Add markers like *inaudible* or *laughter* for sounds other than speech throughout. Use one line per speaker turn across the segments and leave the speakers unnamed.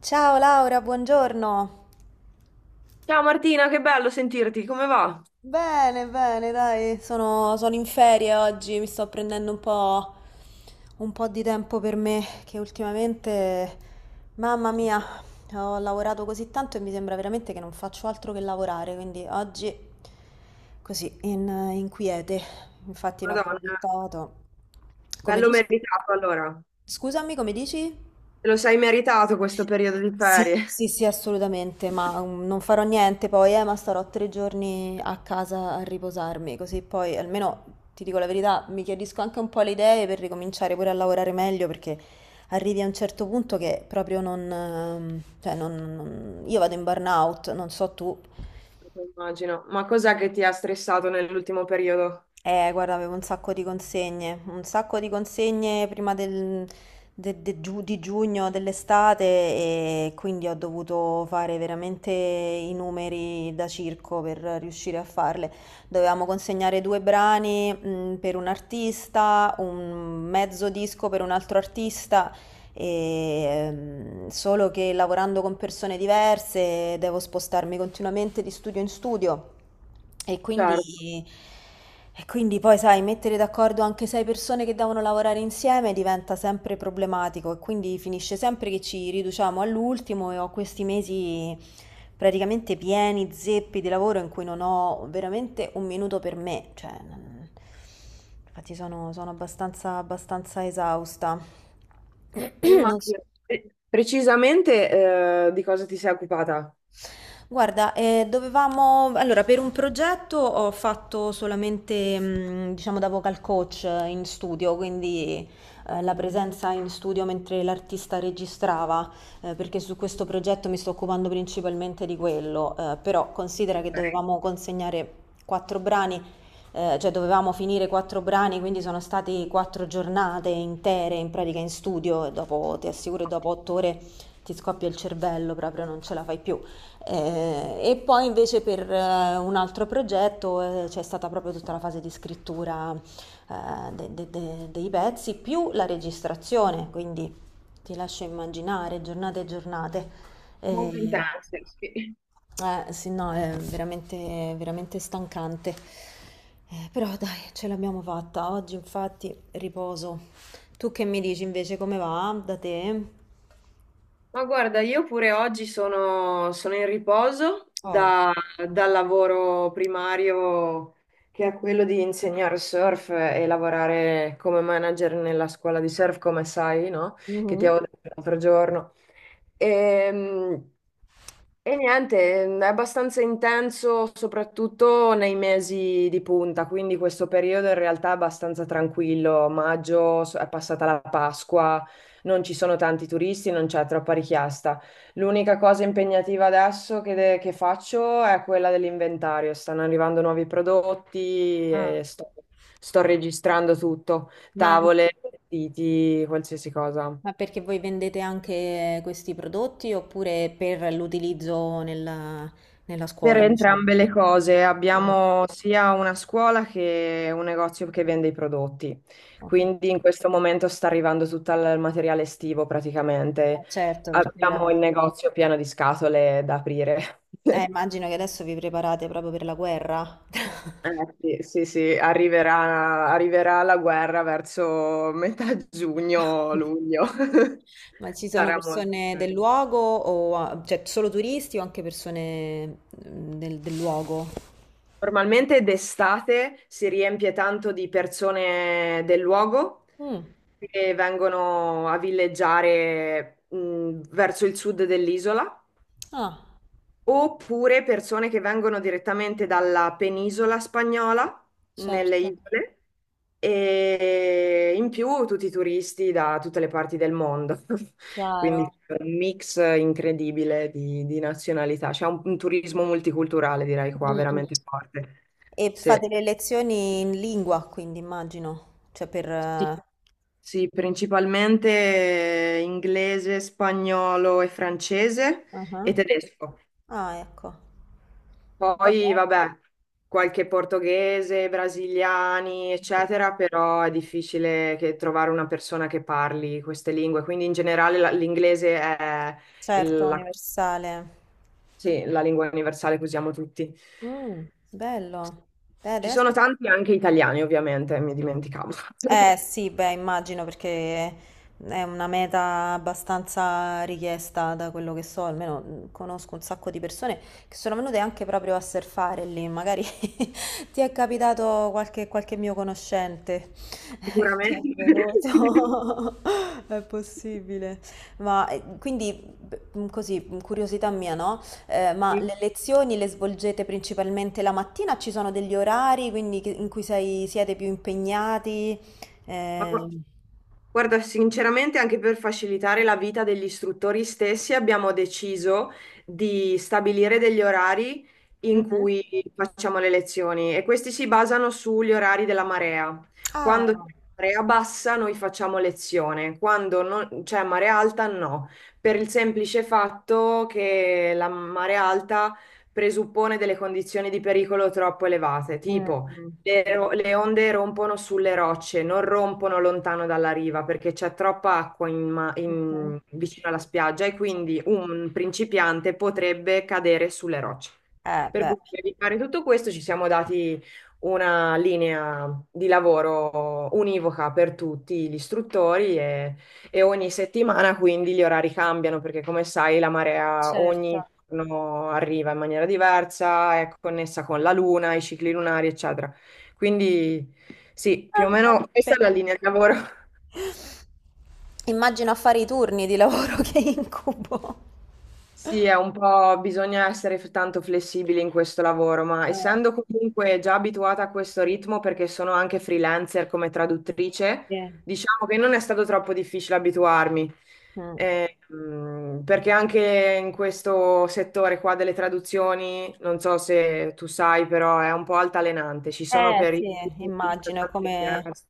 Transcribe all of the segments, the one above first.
Ciao Laura, buongiorno.
Ciao Martina, che bello sentirti, come va?
Bene, bene, dai, sono in ferie oggi, mi sto prendendo un po' di tempo per me, che ultimamente, mamma mia, ho lavorato così tanto e mi sembra veramente che non faccio altro che lavorare, quindi oggi così, in quiete, infatti ne ho
Madonna,
approfittato. Come
bello
dici?
meritato allora.
Scusami, come dici?
Te lo sei meritato questo periodo di
Sì,
ferie.
sì, sì, assolutamente, ma non farò niente poi, ma starò 3 giorni a casa a riposarmi, così poi almeno ti dico la verità, mi chiarisco anche un po' le idee per ricominciare pure a lavorare meglio, perché arrivi a un certo punto che proprio non, cioè non, io vado in burnout, non so tu.
*laughs* Immagino. Ma cos'è che ti ha stressato nell'ultimo periodo?
Guarda, avevo un sacco di consegne, un sacco di consegne prima di giugno, dell'estate e quindi ho dovuto fare veramente i numeri da circo per riuscire a farle. Dovevamo consegnare due brani, per un artista, un mezzo disco per un altro artista e, solo che lavorando con persone diverse devo spostarmi continuamente di studio in studio e
Certo,
quindi, e quindi poi, sai, mettere d'accordo anche sei persone che devono lavorare insieme diventa sempre problematico e quindi finisce sempre che ci riduciamo all'ultimo e ho questi mesi praticamente pieni, zeppi di lavoro in cui non ho veramente un minuto per me, cioè, infatti sono abbastanza, abbastanza esausta. *clears throat* Non so.
immagino. Precisamente, di cosa ti sei occupata?
Guarda, dovevamo, allora per un progetto ho fatto solamente, diciamo, da vocal coach in studio, quindi la presenza in studio mentre l'artista registrava, perché su questo progetto mi sto occupando principalmente di quello, però considera che
Ok.
dovevamo consegnare quattro brani, cioè dovevamo finire quattro brani, quindi sono state 4 giornate intere in pratica in studio e dopo, ti assicuro, dopo 8 ore ti scoppia il cervello, proprio non ce la fai più. E poi invece per un altro progetto c'è stata proprio tutta la fase di scrittura dei pezzi più la registrazione, quindi ti lascio immaginare giornate e giornate.
Molto
Eh,
intense, sì.
sì, no, è veramente, veramente stancante. Però dai, ce l'abbiamo fatta. Oggi infatti riposo. Tu che mi dici invece come va da te?
Ma guarda, io pure oggi sono in riposo. Mm.
Oh.
Dal lavoro primario che è quello di insegnare surf e lavorare come manager nella scuola di surf, come sai, no? Che ti
Mhm.
avevo detto l'altro giorno. Ehm, Niente, è abbastanza intenso, soprattutto nei mesi di punta, quindi questo periodo in realtà è abbastanza tranquillo. È passata la Pasqua, non ci sono tanti turisti, non c'è troppa richiesta. L'unica cosa impegnativa adesso che faccio è quella dell'inventario. Stanno arrivando nuovi prodotti
Ah.
e sto registrando tutto,
Ma
tavole, vestiti, qualsiasi cosa.
Ma perché voi vendete anche questi prodotti oppure per l'utilizzo nella, nella
Per
scuola, diciamo?
entrambe le cose,
Ah.
abbiamo sia una scuola che un negozio che vende i prodotti,
Ho
quindi
capito.
in questo momento sta arrivando tutto il materiale estivo
Ah,
praticamente.
certo, perché ora.
Abbiamo il negozio pieno di scatole da aprire. *laughs*
Immagino che adesso vi preparate proprio per la guerra.
Eh, sì, sì, sì, arriverà la guerra verso metà giugno,
*laughs*
luglio. *laughs*
Ma ci sono
Sarà molto.
persone del luogo o cioè solo turisti o anche persone del luogo?
Normalmente d'estate si riempie tanto di persone del luogo
Mm.
che vengono a villeggiare verso il sud dell'isola,
Ah,
oppure persone che vengono direttamente dalla penisola spagnola, nelle
certo,
isole, e in più tutti i turisti da tutte le parti del mondo. *laughs*
chiaro.
Quindi è un mix incredibile di nazionalità. Un turismo multiculturale, direi qua,
Mm, mm.
veramente forte.
E
Sì.
fate le lezioni in lingua, quindi immagino, cioè per.
Sì, sì, principalmente inglese, spagnolo e francese
Ah,
e tedesco.
ecco. È
Poi,
bello.
vabbè, qualche portoghese, brasiliani,
Mm.
eccetera, però è difficile che- trovare una persona che parli queste lingue. Quindi in generale l'inglese è
Certo,
il- la,
universale.
sì, la lingua universale che usiamo tutti.
Mm, bello. Beh, deve
Ci sono
essere.
tanti anche italiani, ovviamente, mi dimenticavo. *laughs*
Eh sì, beh, immagino perché è una meta abbastanza richiesta da quello che so, almeno conosco un sacco di persone che sono venute anche proprio a surfare lì, magari *laughs* ti è capitato qualche mio conoscente *laughs* che è
Sicuramente. *laughs*
venuto. *laughs* È possibile. Ma quindi, così, curiosità mia, no? Ma
Sì.
le lezioni le svolgete principalmente la mattina? Ci sono degli orari quindi, in cui siete più impegnati?
Ma
Ehm,
Guarda, sinceramente anche per facilitare la vita degli istruttori stessi abbiamo deciso di stabilire degli orari in
mhm.
cui facciamo le lezioni e questi si basano sugli orari della marea.
Ah,
Quando c'è marea bassa noi facciamo lezione, quando c'è marea alta no, per il semplice fatto che la marea alta presuppone delle condizioni di pericolo troppo elevate,
mm,
tipo
mm,
le, le onde rompono sulle rocce, non rompono lontano dalla riva perché c'è troppa acqua
mhm.
vicino alla spiaggia e
Sì.
quindi un principiante potrebbe cadere sulle rocce. Per
Beh,
cui per evitare tutto questo ci siamo dati una linea di lavoro univoca per tutti gli istruttori e ogni settimana quindi gli orari cambiano perché come sai la marea ogni
certo.
giorno arriva in maniera diversa, è connessa con la luna, i cicli lunari, eccetera. Quindi sì,
Ah,
più o
beh,
meno questa è la linea di
impegnativo.
lavoro. *laughs*
Immagino a fare i turni di lavoro *laughs* che incubo.
Sì, è un po', bisogna essere tanto flessibili in questo lavoro, ma
Eh,
essendo comunque già abituata a questo ritmo, perché sono anche freelancer come traduttrice,
sì.
diciamo che non è stato troppo difficile abituarmi.
Mm.
Perché anche in questo settore qua delle traduzioni, non so se tu sai, però è un po' altalenante. Ci sono
Eh
periodi
sì,
in cui c'è
immagino è
tante
come.
chiasse.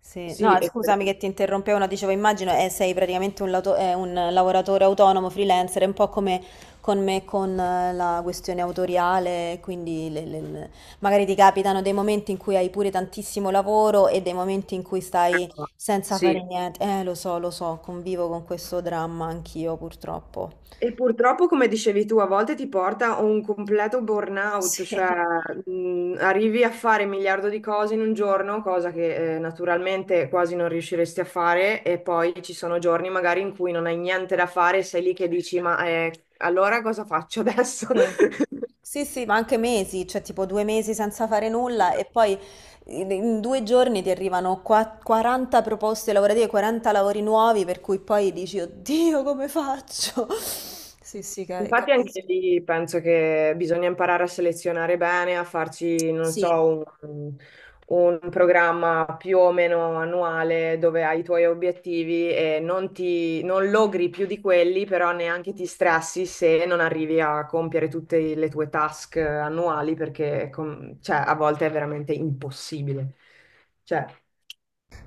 Sì. No,
Sì, e- per-
scusami che ti interrompevo, no, dicevo immagino sei praticamente un lavoratore autonomo, freelancer, è un po' come con me con la questione autoriale, quindi magari ti capitano dei momenti in cui hai pure tantissimo lavoro e dei momenti in cui stai senza fare
sì.
niente. Lo so, lo so, convivo con questo dramma anch'io purtroppo.
E purtroppo, come dicevi tu, a volte ti porta a un completo burnout,
Sì,
cioè
*laughs*
arrivi a fare un miliardo di cose in un giorno, cosa che naturalmente quasi non riusciresti a fare, e poi ci sono giorni magari in cui non hai niente da fare, sei lì che dici, ma allora cosa faccio adesso? *laughs*
sì. Sì, sì, ma anche mesi, cioè tipo 2 mesi senza fare nulla e poi in 2 giorni ti arrivano 40 proposte lavorative, 40 lavori nuovi, per cui poi dici, oddio, come faccio? *laughs* Sì, sì,
Infatti anche
capisco.
lì penso che bisogna imparare a selezionare bene, a farci, non
Sì.
so, un, un programma più o meno annuale dove hai i tuoi obiettivi e non logri più di quelli, però neanche ti stressi se non arrivi a compiere tutte le tue task annuali perché cioè, a volte è veramente impossibile. Cioè,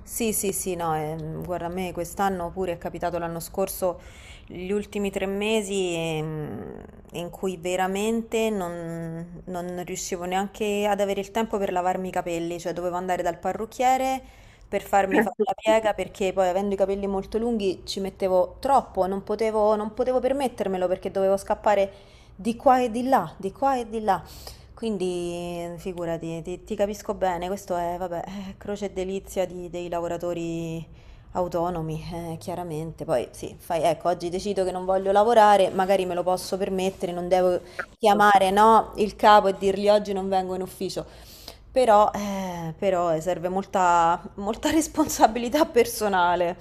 Sì, sì, sì, no, guarda, a me quest'anno pure è capitato l'anno scorso, gli ultimi 3 mesi in cui veramente non, non riuscivo neanche ad avere il tempo per lavarmi i capelli, cioè dovevo andare dal parrucchiere per farmi fare la piega perché poi avendo i capelli molto lunghi ci mettevo troppo, non potevo, non potevo permettermelo perché dovevo scappare di qua e di là, di qua e di là. Quindi figurati, ti capisco bene, questo è, vabbè, *laughs* croce e delizia dei lavoratori autonomi, chiaramente. Poi sì, fai, ecco, oggi decido che non voglio lavorare, magari me lo posso permettere, non devo chiamare, no, il capo e dirgli oggi non vengo in ufficio. Però, serve molta, molta *laughs* responsabilità personale.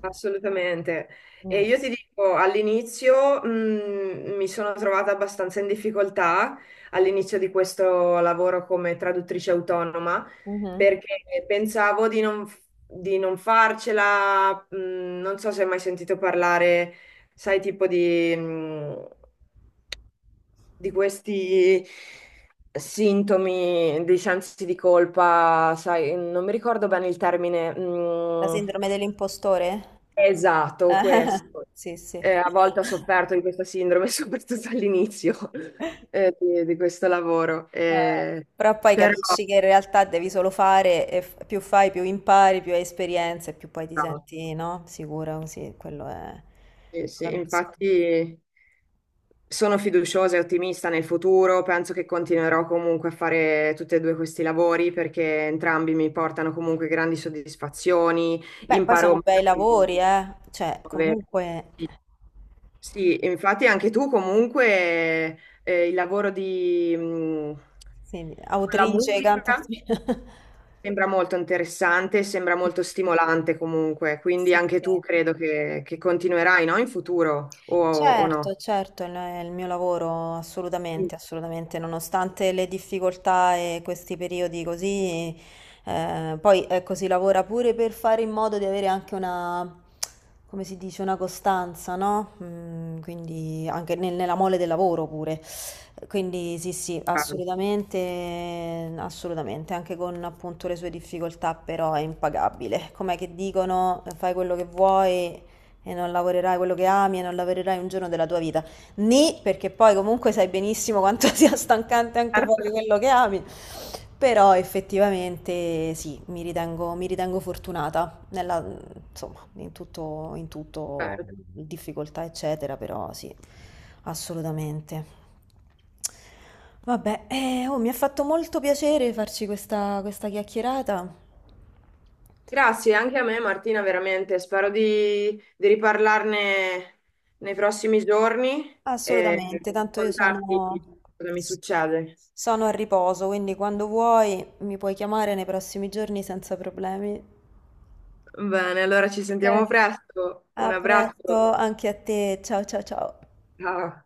assolutamente. E
Mm,
io ti dico, all'inizio mi sono trovata abbastanza in difficoltà all'inizio di questo lavoro come traduttrice autonoma
mhm.
perché pensavo di non farcela, non so se hai mai sentito parlare, sai, di questi sintomi di sensi di colpa, sai, non mi ricordo bene il termine.
La sindrome dell'impostore? *laughs*
Esatto, questo.
Sì, sì.
A volte ho sofferto di questa sindrome, *laughs* soprattutto all'inizio di questo lavoro.
Eh, Però poi
Però,
capisci che in realtà devi solo fare, e più fai, più impari, più hai esperienze, più poi ti
no,
senti, no? Sicura, così, quello è.
Sì,
Lo
sì,
capisco.
infatti sono fiduciosa e ottimista nel futuro. Penso che continuerò comunque a fare tutti e due questi lavori perché entrambi mi portano comunque grandi soddisfazioni.
Beh, poi
Imparo
sono bei
magari
lavori, eh? Cioè,
nuove-
comunque,
sì, e infatti anche tu comunque eh, il lavoro di, mh,
sì,
con la
autrice,
musica
cantatrice. *laughs*
sembra molto interessante, sembra molto stimolante comunque, quindi
Sì,
anche
sì.
tu credo che continuerai, no? In futuro o no?
Certo, certo, il è il mio lavoro,
Sì.
assolutamente, assolutamente, nonostante le difficoltà e questi periodi così, poi ecco, si lavora pure per fare in modo di avere anche una, come si dice, una costanza, no? Mm, quindi anche nella mole del lavoro pure. Quindi sì, sì,
Certo,
assolutamente, assolutamente, anche con appunto le sue difficoltà, però è impagabile. Com'è che dicono, fai quello che vuoi e non lavorerai quello che ami e non lavorerai un giorno della tua vita. Ni, perché poi comunque sai benissimo quanto *laughs* sia stancante anche fare quello che ami. Però effettivamente sì, mi ritengo fortunata nella, insomma, in tutto,
certo.
difficoltà, eccetera, però sì, assolutamente. Vabbè, mi ha fatto molto piacere farci questa chiacchierata.
Grazie anche a me Martina, veramente, di riparlarne nei prossimi giorni e
Assolutamente, tanto io
contarti
sono,
cosa mi succede.
sono a riposo, quindi quando vuoi mi puoi chiamare nei prossimi giorni senza problemi.
Bene, allora ci sentiamo
Ok.
presto. Un
A presto,
abbraccio.
anche a te. Ciao ciao ciao.
Ciao.